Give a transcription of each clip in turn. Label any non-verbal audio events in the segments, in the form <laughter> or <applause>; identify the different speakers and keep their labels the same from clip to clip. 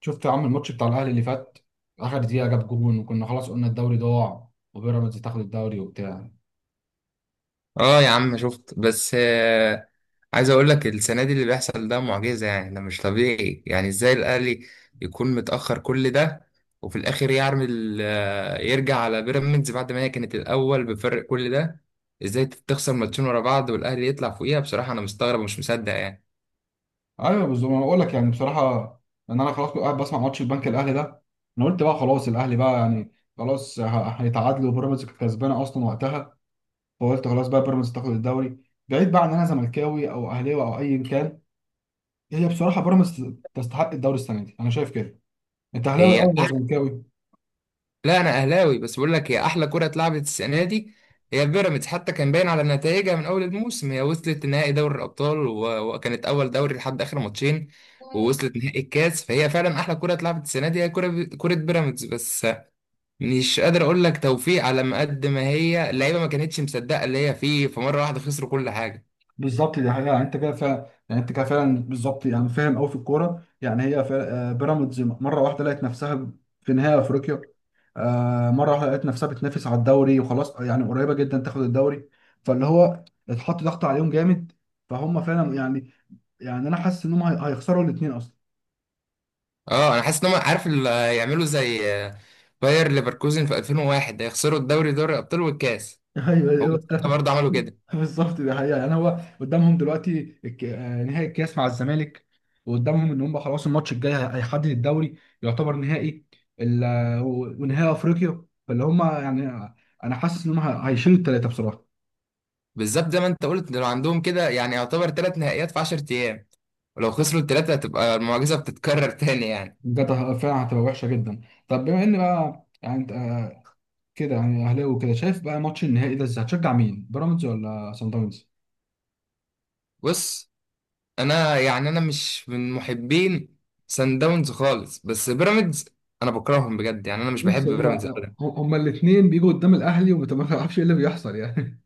Speaker 1: شفت يا عم الماتش بتاع الاهلي اللي فات. اخر دقيقه جاب جون وكنا خلاص قلنا الدوري ضاع وبيراميدز تاخد الدوري وبتاع.
Speaker 2: اه، يا عم شفت. بس عايز اقول لك السنه دي اللي بيحصل ده معجزه، يعني ده مش طبيعي. يعني ازاي الاهلي يكون متاخر كل ده، وفي الاخر يعمل يرجع على بيراميدز بعد ما هي كانت الاول بفرق كل ده؟ ازاي تخسر ماتشين ورا بعض والاهلي يطلع فوقيها؟ بصراحه انا مستغرب ومش مصدق يعني.
Speaker 1: ايوه بالظبط انا بقول لك يعني بصراحه ان انا خلاص كنت قاعد بسمع ماتش البنك الاهلي ده. انا قلت بقى خلاص الاهلي بقى يعني خلاص هيتعادلوا وبيراميدز كانت كسبانه اصلا وقتها. فقلت خلاص بقى بيراميدز تاخد الدوري. بعيد بقى عن إن انا زملكاوي او اهلاوي او ايا كان، هي بصراحه بيراميدز تستحق الدوري السنه دي، انا شايف كده. انت اهلاوي
Speaker 2: هي
Speaker 1: الاول ولا زملكاوي؟
Speaker 2: لا، انا اهلاوي، بس بقول لك هي احلى كره اتلعبت السنه دي. هي بيراميدز حتى كان باين على نتائجها من اول الموسم، هي وصلت نهائي دوري الابطال، وكانت اول دوري لحد اخر ماتشين، ووصلت نهائي الكاس. فهي فعلا احلى كره اتلعبت السنه دي، هي كره، كره بيراميدز بس. مش قادر اقول لك توفيق على ما قد ما هي اللعيبه ما كانتش مصدقه اللي هي فيه، فمره واحده خسروا كل حاجه.
Speaker 1: بالظبط دي حقيقة، يعني انت كده فعلا، يعني انت كده فعلا بالظبط، يعني فاهم قوي في الكورة. يعني هي بيراميدز مرة واحدة لقت نفسها في نهائي افريقيا. مرة واحدة لقت نفسها بتنافس على الدوري وخلاص يعني قريبة جدا تاخد الدوري. فاللي هو اتحط ضغط عليهم جامد، فهم فعلا يعني، يعني انا حاسس ان هم هيخسروا الاثنين اصلا.
Speaker 2: اه، انا حاسس ان هم عارف يعملوا زي باير ليفركوزن في 2001، هيخسروا الدوري دوري الابطال والكاس.
Speaker 1: <laughs> ايوه
Speaker 2: هم
Speaker 1: ايوه
Speaker 2: برضه عملوا كده.
Speaker 1: <laughs> بالظبط دي حقيقة. يعني هو قدامهم دلوقتي نهائي الكاس مع الزمالك، وقدامهم ان هم خلاص الماتش الجاي هيحدد الدوري، يعتبر نهائي ونهائي افريقيا. فاللي هم يعني انا حاسس ان هم هيشيلوا الثلاثة بصراحة.
Speaker 2: بالظبط زي ما انت قلت، لو عندهم كده يعني يعتبر ثلاث نهائيات في 10 ايام، ولو خسروا الثلاثه هتبقى المعجزه بتتكرر <laughs> تاني يعني.
Speaker 1: بجد فعلا هتبقى وحشة جدا. طب بما ان بقى يعني انت كده يعني اهلاوي وكده، شايف بقى ماتش النهائي ده ازاي؟ هتشجع مين، بيراميدز ولا سان داونز؟
Speaker 2: بص، انا يعني انا مش من محبين سان داونز خالص، بس بيراميدز انا بكرههم بجد. يعني انا مش
Speaker 1: بص،
Speaker 2: بحب بيراميدز.
Speaker 1: هما الاثنين بيجوا قدام الاهلي وما تعرفش ايه اللي بيحصل يعني.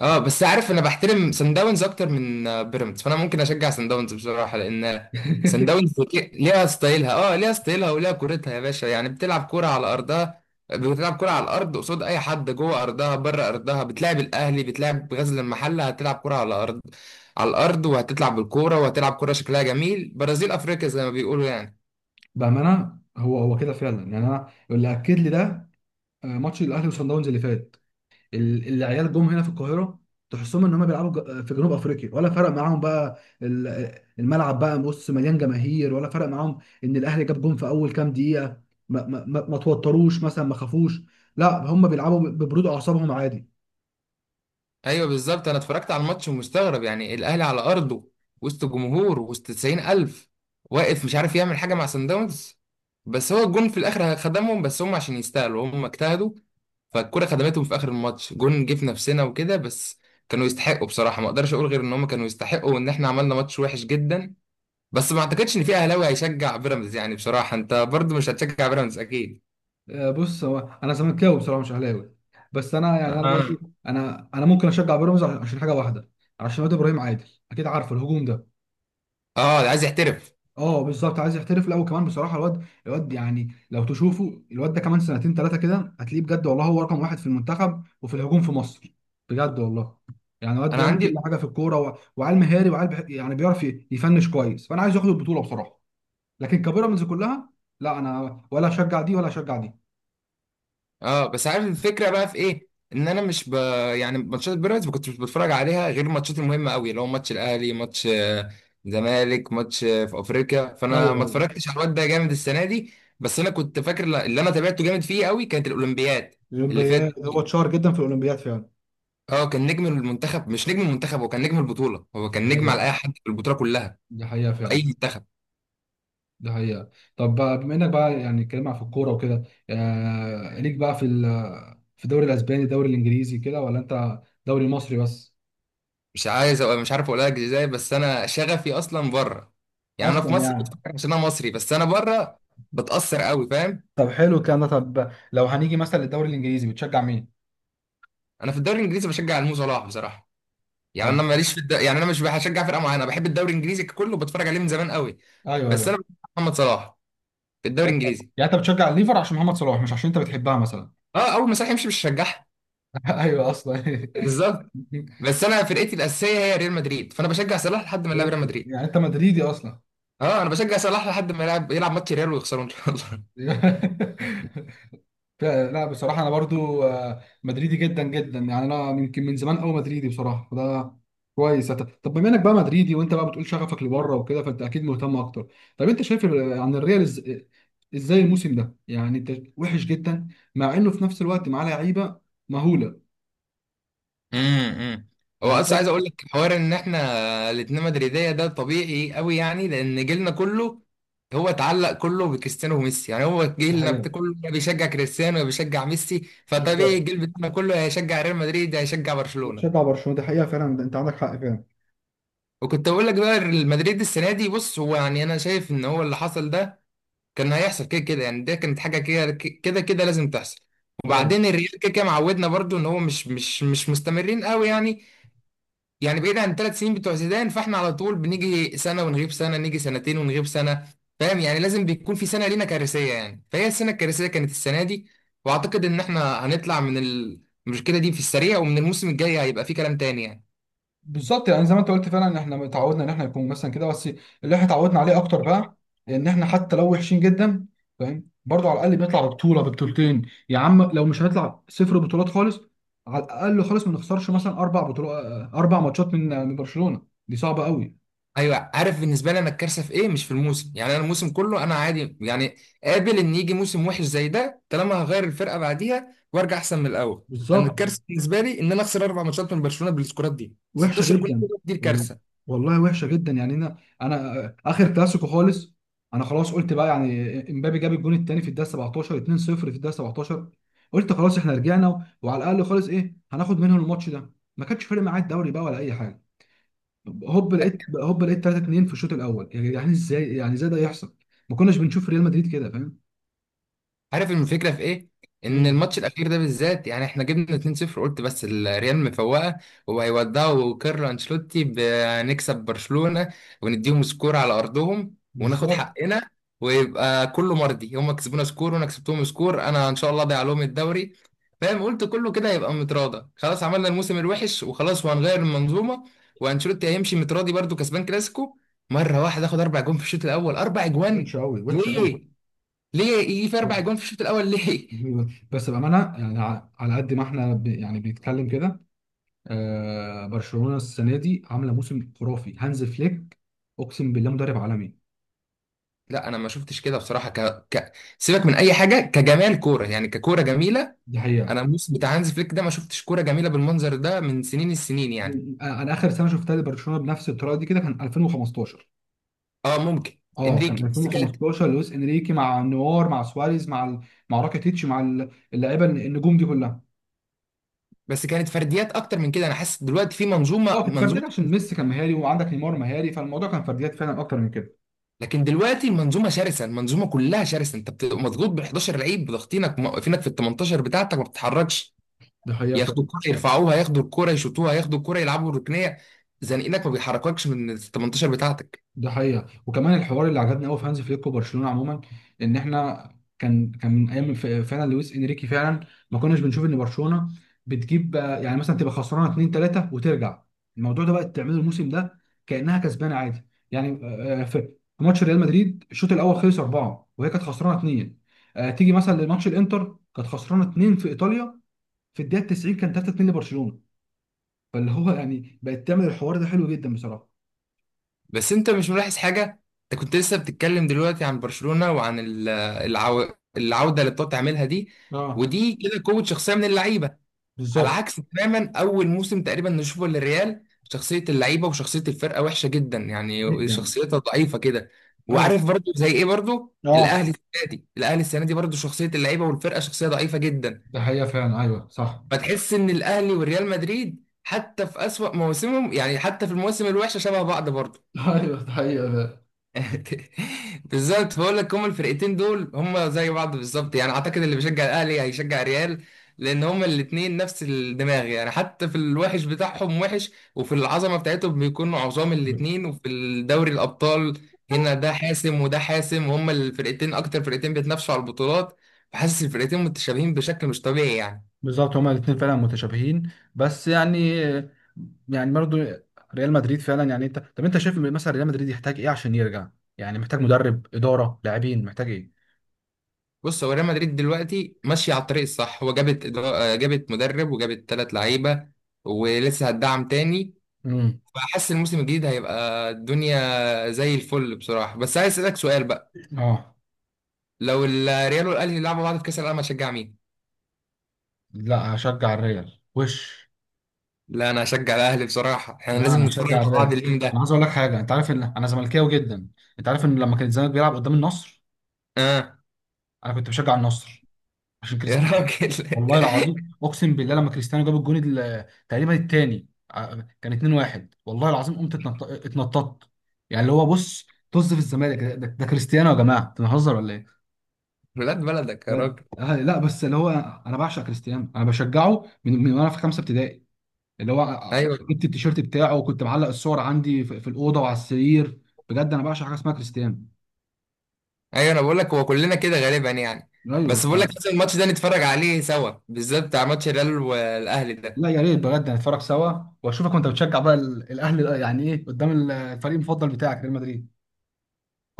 Speaker 2: اه، بس عارف انا بحترم سان داونز اكتر من بيراميدز، فانا ممكن اشجع سان داونز بصراحه. لان سان
Speaker 1: <laughs>
Speaker 2: داونز ليها ستايلها، اه ليها ستايلها وليها كورتها يا باشا. يعني بتلعب كوره على ارضها، بتلعب كوره على الارض قصاد اي حد، جوه ارضها، بره ارضها. بتلعب الاهلي، بتلعب غزل المحله، هتلعب كوره على الارض، على الارض، وهتلعب بالكوره، وهتلعب كوره شكلها جميل، برازيل افريقيا زي ما بيقولوا يعني.
Speaker 1: بامانه هو كده فعلا، يعني انا اللي اكد لي ده ماتش الاهلي وصن داونز اللي فات. العيال جم هنا في القاهره، تحسهم ان هم بيلعبوا في جنوب افريقيا. ولا فرق معاهم بقى الملعب بقى، بص مليان جماهير ولا فرق معاهم. ان الاهلي جاب جون في اول كام دقيقه، ما توتروش مثلا، ما خافوش، لا هم بيلعبوا ببرود اعصابهم عادي.
Speaker 2: ايوه بالظبط، انا اتفرجت على الماتش ومستغرب يعني. الاهلي على ارضه، وسط جمهور، وسط 90,000، واقف مش عارف يعمل حاجه مع سان داونز. بس هو الجون في الاخر خدمهم، بس هم عشان يستاهلوا هم اجتهدوا، فالكره خدمتهم في اخر الماتش، جون جه في نفسنا وكده بس. كانوا يستحقوا بصراحه، ما اقدرش اقول غير ان هم كانوا يستحقوا، وان احنا عملنا ماتش وحش جدا. بس ما اعتقدش ان في اهلاوي هيشجع بيراميدز يعني، بصراحه انت برضو مش هتشجع بيراميدز اكيد.
Speaker 1: بص هو انا زملكاوي بصراحه، مش اهلاوي. بس انا يعني انا
Speaker 2: اه
Speaker 1: برضو، انا ممكن اشجع بيراميدز عشان حاجه واحده، عشان واد ابراهيم عادل، اكيد عارفه الهجوم ده.
Speaker 2: اه، عايز يحترف.
Speaker 1: اه بالظبط عايز يحترف الاول كمان بصراحه. الواد، يعني لو تشوفه الواد ده كمان سنتين ثلاثه كده هتلاقيه بجد والله، هو رقم واحد في المنتخب وفي الهجوم في مصر، بجد والله. يعني الواد
Speaker 2: انا
Speaker 1: بيعمل كل
Speaker 2: عندي.
Speaker 1: حاجه في الكوره، وعيل مهاري وعيل يعني بيعرف يفنش كويس. فانا عايز ياخد البطوله بصراحه، لكن كبيراميدز كلها، لا انا ولا اشجع دي ولا اشجع دي.
Speaker 2: اه، بس عارف الفكره بقى في ايه، ان انا مش ب... يعني ماتشات بيراميدز ما كنتش بتفرج عليها غير الماتشات المهمه قوي، اللي هو ماتش الاهلي، ماتش زمالك، ماتش في افريقيا،
Speaker 1: ايوه
Speaker 2: فانا ما
Speaker 1: ايوه
Speaker 2: اتفرجتش على الواد ده جامد السنه دي. بس انا كنت فاكر اللي انا تابعته جامد فيه قوي كانت الاولمبياد اللي فاتت
Speaker 1: الاولمبياد، هو
Speaker 2: دي.
Speaker 1: اتشهر جدا في الاولمبياد فعلا.
Speaker 2: اه، كان نجم المنتخب، مش نجم المنتخب، هو كان نجم البطوله، هو
Speaker 1: ده
Speaker 2: كان نجم على
Speaker 1: حقيقة،
Speaker 2: اي حد في البطوله كلها،
Speaker 1: دي حقيقة
Speaker 2: اي
Speaker 1: فعلا،
Speaker 2: منتخب.
Speaker 1: دي حقيقة. طب بقى بما انك بقى يعني اتكلمنا في الكورة وكده، آه ليك بقى في في الدوري الاسباني، الدوري الانجليزي كده، ولا انت دوري مصري بس؟
Speaker 2: مش عايز أبقى، مش عارف اقولها لك ازاي، بس انا شغفي اصلا بره. يعني انا
Speaker 1: اصلا
Speaker 2: في مصر
Speaker 1: يعني
Speaker 2: بتفكر عشان انا مصري، بس انا بره بتاثر قوي، فاهم.
Speaker 1: طب حلو الكلام ده. طب لو هنيجي مثلا للدوري الانجليزي بتشجع مين؟
Speaker 2: انا في الدوري الانجليزي بشجع المو صلاح بصراحه. يعني
Speaker 1: طب
Speaker 2: انا يعني انا مش بشجع فرقه معينه، بحب الدوري الانجليزي كله، بتفرج عليه من زمان قوي.
Speaker 1: ايوه
Speaker 2: بس
Speaker 1: ايوه.
Speaker 2: انا بشجع محمد صلاح في الدوري
Speaker 1: يعني انت،
Speaker 2: الانجليزي.
Speaker 1: يعني أنت بتشجع الليفر عشان محمد صلاح مش عشان انت بتحبها مثلا؟
Speaker 2: اه، اول ما صلاح يمشي مش هشجعها.
Speaker 1: <laughs> ايوه اصلا. <laughs>
Speaker 2: بالظبط. بس انا فرقتي الاساسيه هي ريال مدريد، فانا بشجع صلاح لحد ما يلعب ريال مدريد.
Speaker 1: يعني انت مدريدي اصلا؟
Speaker 2: اه، انا بشجع صلاح لحد ما يلعب ماتش ريال ويخسروا ان شاء الله.
Speaker 1: <laughs> لا بصراحة أنا برضو مدريدي جدا جدا، يعني أنا يمكن من زمان أوي مدريدي بصراحة. فده كويس. طب بما إنك بقى مدريدي وأنت بقى بتقول شغفك لبره وكده، فأنت أكيد مهتم أكتر. طب أنت شايف عن الريال إزاي الموسم ده؟ يعني أنت وحش جدا مع إنه في نفس الوقت معاه لعيبة مهولة،
Speaker 2: امم، هو
Speaker 1: يعني
Speaker 2: اصلا عايز
Speaker 1: شايف؟
Speaker 2: اقول لك حوار، ان احنا الاتنين مدريديه ده طبيعي قوي، يعني لان جيلنا كله هو اتعلق كله بكريستيانو وميسي. يعني هو
Speaker 1: دي
Speaker 2: جيلنا
Speaker 1: حقيقة،
Speaker 2: كله يا بيشجع كريستيانو يا بيشجع ميسي، فطبيعي
Speaker 1: بالظبط.
Speaker 2: الجيل بتاعنا كله هيشجع ريال مدريد، هيشجع برشلونه.
Speaker 1: شجع برشلونة، دي حقيقة فعلا، أنت عندك حق
Speaker 2: وكنت اقول لك بقى ريال مدريد السنه دي، بص هو يعني انا شايف ان هو اللي حصل ده كان هيحصل كده كده يعني، ده كانت حاجه كده كده كده لازم تحصل.
Speaker 1: فعلا.
Speaker 2: وبعدين الريال كده كده معودنا برضو، ان هو مش مستمرين قوي يعني. يعني بعيد عن الـ3 سنين بتوع زيدان، فاحنا على طول بنيجي سنه ونغيب سنه، نيجي سنتين ونغيب سنه، فاهم. يعني لازم بيكون في سنه لينا كارثيه يعني، فهي السنه الكارثيه كانت السنه دي. واعتقد ان احنا هنطلع من المشكله دي في السريع، ومن الموسم الجاي هيبقى في كلام تاني يعني.
Speaker 1: بالظبط يعني زي ما انت قلت فعلا، ان احنا اتعودنا ان احنا يكون مثلا كده بس، اللي احنا اتعودنا عليه اكتر بقى ان احنا حتى لو وحشين جدا، فاهم برضه، على الاقل بنطلع ببطوله، ببطولتين. يا عم لو مش هنطلع، صفر بطولات خالص، على الاقل خالص ما نخسرش مثلا اربع بطولات، اربع ماتشات من من برشلونه. دي صعبه قوي،
Speaker 2: ايوه، عارف بالنسبه لي انا الكارثه في ايه؟ مش في الموسم، يعني انا الموسم كله انا عادي يعني، قابل ان يجي موسم وحش زي ده طالما هغير الفرقه بعديها وارجع احسن من الاول. انا
Speaker 1: بالظبط،
Speaker 2: الكارثه بالنسبه لي ان انا اخسر اربع ماتشات من برشلونه بالسكورات دي،
Speaker 1: وحشه
Speaker 2: 16 جول.
Speaker 1: جدا.
Speaker 2: دي
Speaker 1: وال-
Speaker 2: الكارثه.
Speaker 1: والله وحشه جدا يعني. انا اخر كلاسيكو خالص انا خلاص قلت بقى يعني، امبابي جاب الجون الثاني في الدقيقه 17، 2-0 في الدقيقه 17. قلت خلاص احنا رجعنا وعلى الاقل خالص ايه، هناخد منهم الماتش ده، ما كانش فارق معايا الدوري بقى ولا اي حاجه. هوب لقيت هوب لقيت 3-2 في الشوط الاول، يعني يعني ازاي ده يحصل؟ ما كناش بنشوف ريال مدريد كده فاهم.
Speaker 2: عارف الفكره في ايه؟ ان
Speaker 1: مم.
Speaker 2: الماتش الاخير ده بالذات يعني احنا جبنا 2-0، قلت بس الريال مفوقه وهيودعوا كارلو انشيلوتي، بنكسب برشلونه ونديهم سكور على ارضهم وناخد
Speaker 1: بالظبط.
Speaker 2: حقنا ويبقى كله مرضي. هم كسبونا سكور، وانا كسبتهم سكور، انا ان شاء الله ضيع لهم الدوري، فاهم. قلت كله كده هيبقى متراضى، خلاص عملنا الموسم الوحش وخلاص وهنغير المنظومه، وانشيلوتي هيمشي متراضي برضو كسبان كلاسيكو. مره واحده اخد اربع جون في الشوط الاول، اربع جوان.
Speaker 1: وحشه قوي، وحشه قوي.
Speaker 2: ليه؟ ليه يجي في اربع جون في الشوط الاول ليه؟
Speaker 1: بس بأمانة يعني، على قد ما احنا يعني بنتكلم كده، آه برشلونة السنة دي عاملة موسم خرافي. هانز فليك أقسم بالله مدرب عالمي.
Speaker 2: لا، انا ما شفتش كده بصراحه. ك... سيبك من اي حاجه كجمال كوره يعني، ككوره جميله.
Speaker 1: دي
Speaker 2: انا
Speaker 1: حقيقة.
Speaker 2: الموسم بتاع هانز فليك ده ما شفتش كوره جميله بالمنظر ده من سنين السنين يعني.
Speaker 1: أنا آخر سنة شفتها لبرشلونة بنفس الطريقة دي كده كان 2015.
Speaker 2: اه ممكن.
Speaker 1: أه
Speaker 2: انريكي،
Speaker 1: كان
Speaker 2: بس كانت
Speaker 1: 2015 لويس إنريكي مع نوار مع سواريز مع مع راكيتيتش مع اللعيبة النجوم دي كلها.
Speaker 2: بس كانت فرديات اكتر من كده، انا حاسس دلوقتي في
Speaker 1: أه
Speaker 2: منظومه
Speaker 1: كانت
Speaker 2: منظومه
Speaker 1: فرديات عشان ميسي كان مهاري وعندك نيمار مهاري، فالموضوع كان فرديات فعلا أكتر من كده.
Speaker 2: لكن دلوقتي المنظومه شرسه، المنظومه كلها شرسه، انت بتبقى
Speaker 1: ده
Speaker 2: مضغوط بال 11 لعيب، ضاغطينك موقفينك في ال 18 بتاعتك، ما بتتحركش.
Speaker 1: ده حقيقة،
Speaker 2: ياخدوا الكرة يرفعوها، ياخدوا الكرة يشوطوها، ياخدوا الكرة يلعبوا الركنية، زنقينك ما بيحرككش من ال 18 بتاعتك.
Speaker 1: ده حقيقة. وكمان الحوار اللي عجبني قوي في هانز فليك وبرشلونة عموما، ان احنا كان من ايام فعلا لويس انريكي فعلا، ما كناش بنشوف ان برشلونة بتجيب يعني مثلا تبقى خسرانة 2 3 وترجع. الموضوع ده بقى تعمله الموسم ده كأنها كسبانة عادي. يعني في في ماتش ريال مدريد الشوط الاول خلص 4 وهي كانت خسرانة 2. تيجي مثلا لماتش الانتر كانت خسرانة 2 في ايطاليا، في الدقيقة 90 كان 3 2 لبرشلونة. فاللي هو يعني بقت تعمل الحوار ده حلو جدا بصراحة.
Speaker 2: بس انت مش ملاحظ حاجة؟ انت كنت لسه بتتكلم دلوقتي عن برشلونة وعن العودة اللي بتقعد تعملها دي،
Speaker 1: اه
Speaker 2: ودي كده قوة شخصية من اللعيبة. على
Speaker 1: بالظبط
Speaker 2: عكس تماما، أول موسم تقريبا نشوفه للريال شخصية اللعيبة وشخصية الفرقة وحشة جدا يعني،
Speaker 1: جدا.
Speaker 2: شخصيتها ضعيفة كده.
Speaker 1: أيوة.
Speaker 2: وعارف برضو زي ايه؟ برضو
Speaker 1: اه
Speaker 2: الأهلي السنة دي، الأهلي السنة دي برضو شخصية اللعيبة والفرقة شخصية ضعيفة جدا.
Speaker 1: ده حقيقة فعلا، ايوه صح.
Speaker 2: فتحس ان الاهلي والريال مدريد حتى في اسوأ مواسمهم، يعني حتى في المواسم الوحشه، شبه بعض برضه.
Speaker 1: <laughs> ايوه ده حقيقة فعلا.
Speaker 2: <laughs> بالظبط، بقول لك هما الفرقتين دول هما زي بعض بالظبط، يعني اعتقد اللي بيشجع الاهلي هيشجع الريال. لان هما الاتنين نفس الدماغ، يعني حتى في الوحش بتاعهم وحش، وفي العظمه بتاعتهم بيكونوا عظام الاتنين، وفي الدوري الابطال هنا ده حاسم وده حاسم، وهما الفرقتين اكتر فرقتين بيتنافسوا على البطولات. فحاسس الفرقتين متشابهين بشكل مش طبيعي يعني.
Speaker 1: بالظبط، هما الاثنين فعلا متشابهين، بس يعني، يعني برضو ريال مدريد فعلا، يعني انت، طب انت شايف مثلا ريال مدريد يحتاج ايه عشان يرجع؟ يعني محتاج مدرب، اداره، لاعبين، محتاج ايه؟
Speaker 2: بص، هو ريال مدريد دلوقتي ماشية على الطريق الصح، هو جابت جابت مدرب وجابت ثلاث لعيبة، ولسه هتدعم تاني.
Speaker 1: امم
Speaker 2: فحاسس الموسم الجديد هيبقى الدنيا زي الفل بصراحة. بس عايز أسألك سؤال بقى،
Speaker 1: اه
Speaker 2: لو الريال والأهلي لعبوا بعض في كأس العالم هشجع مين؟
Speaker 1: لا اشجع الريال وش.
Speaker 2: لا، أنا هشجع الأهلي بصراحة، احنا
Speaker 1: لا
Speaker 2: لازم
Speaker 1: انا
Speaker 2: نتفرج على
Speaker 1: اشجع
Speaker 2: بعض
Speaker 1: الريال.
Speaker 2: اليوم
Speaker 1: انا
Speaker 2: ده.
Speaker 1: عايز اقول لك حاجه، انت عارف ان انا زملكاوي جدا؟ انت عارف ان لما كان الزمالك بيلعب قدام النصر
Speaker 2: اه
Speaker 1: انا كنت بشجع النصر، عشان
Speaker 2: يا راجل.
Speaker 1: والله العظيم اقسم بالله، لما كريستيانو جاب الجون تقريبا الثاني، كان 2-1 والله العظيم قمت اتنططت. يعني اللي هو بص، طز في الزمالك، ده كريستيانو يا جماعه، انتوا بنهزر ولا ايه؟
Speaker 2: <laughs> ولاد بلدك يا
Speaker 1: بجد.
Speaker 2: راجل.
Speaker 1: لا بس اللي هو انا بعشق كريستيانو، انا بشجعه من وانا في خمسه ابتدائي. اللي هو
Speaker 2: ايوه
Speaker 1: جبت التيشيرت بتاعه وكنت معلق الصور عندي في الاوضه وعلى السرير. بجد انا بعشق حاجه اسمها كريستيانو.
Speaker 2: ايوه، انا بقول لك هو كلنا كده غالبا يعني.
Speaker 1: ايوه
Speaker 2: بس بقول لك لازم الماتش ده نتفرج عليه سوا، بالذات بتاع ماتش الريال والاهلي
Speaker 1: لا
Speaker 2: ده.
Speaker 1: يا ريت بجد نتفرج سوا، واشوفك وانت بتشجع بقى الاهلي يعني، ايه قدام الفريق المفضل بتاعك ريال مدريد.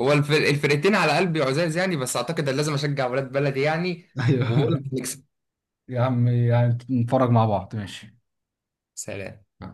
Speaker 2: هو الفرقتين على قلبي عزاز يعني، بس اعتقد ان لازم اشجع ولاد بلدي يعني. وبقول لك
Speaker 1: ايوه.
Speaker 2: نكسب.
Speaker 1: <laughs> يا عم يعني نتفرج مع بعض ماشي.
Speaker 2: سلام.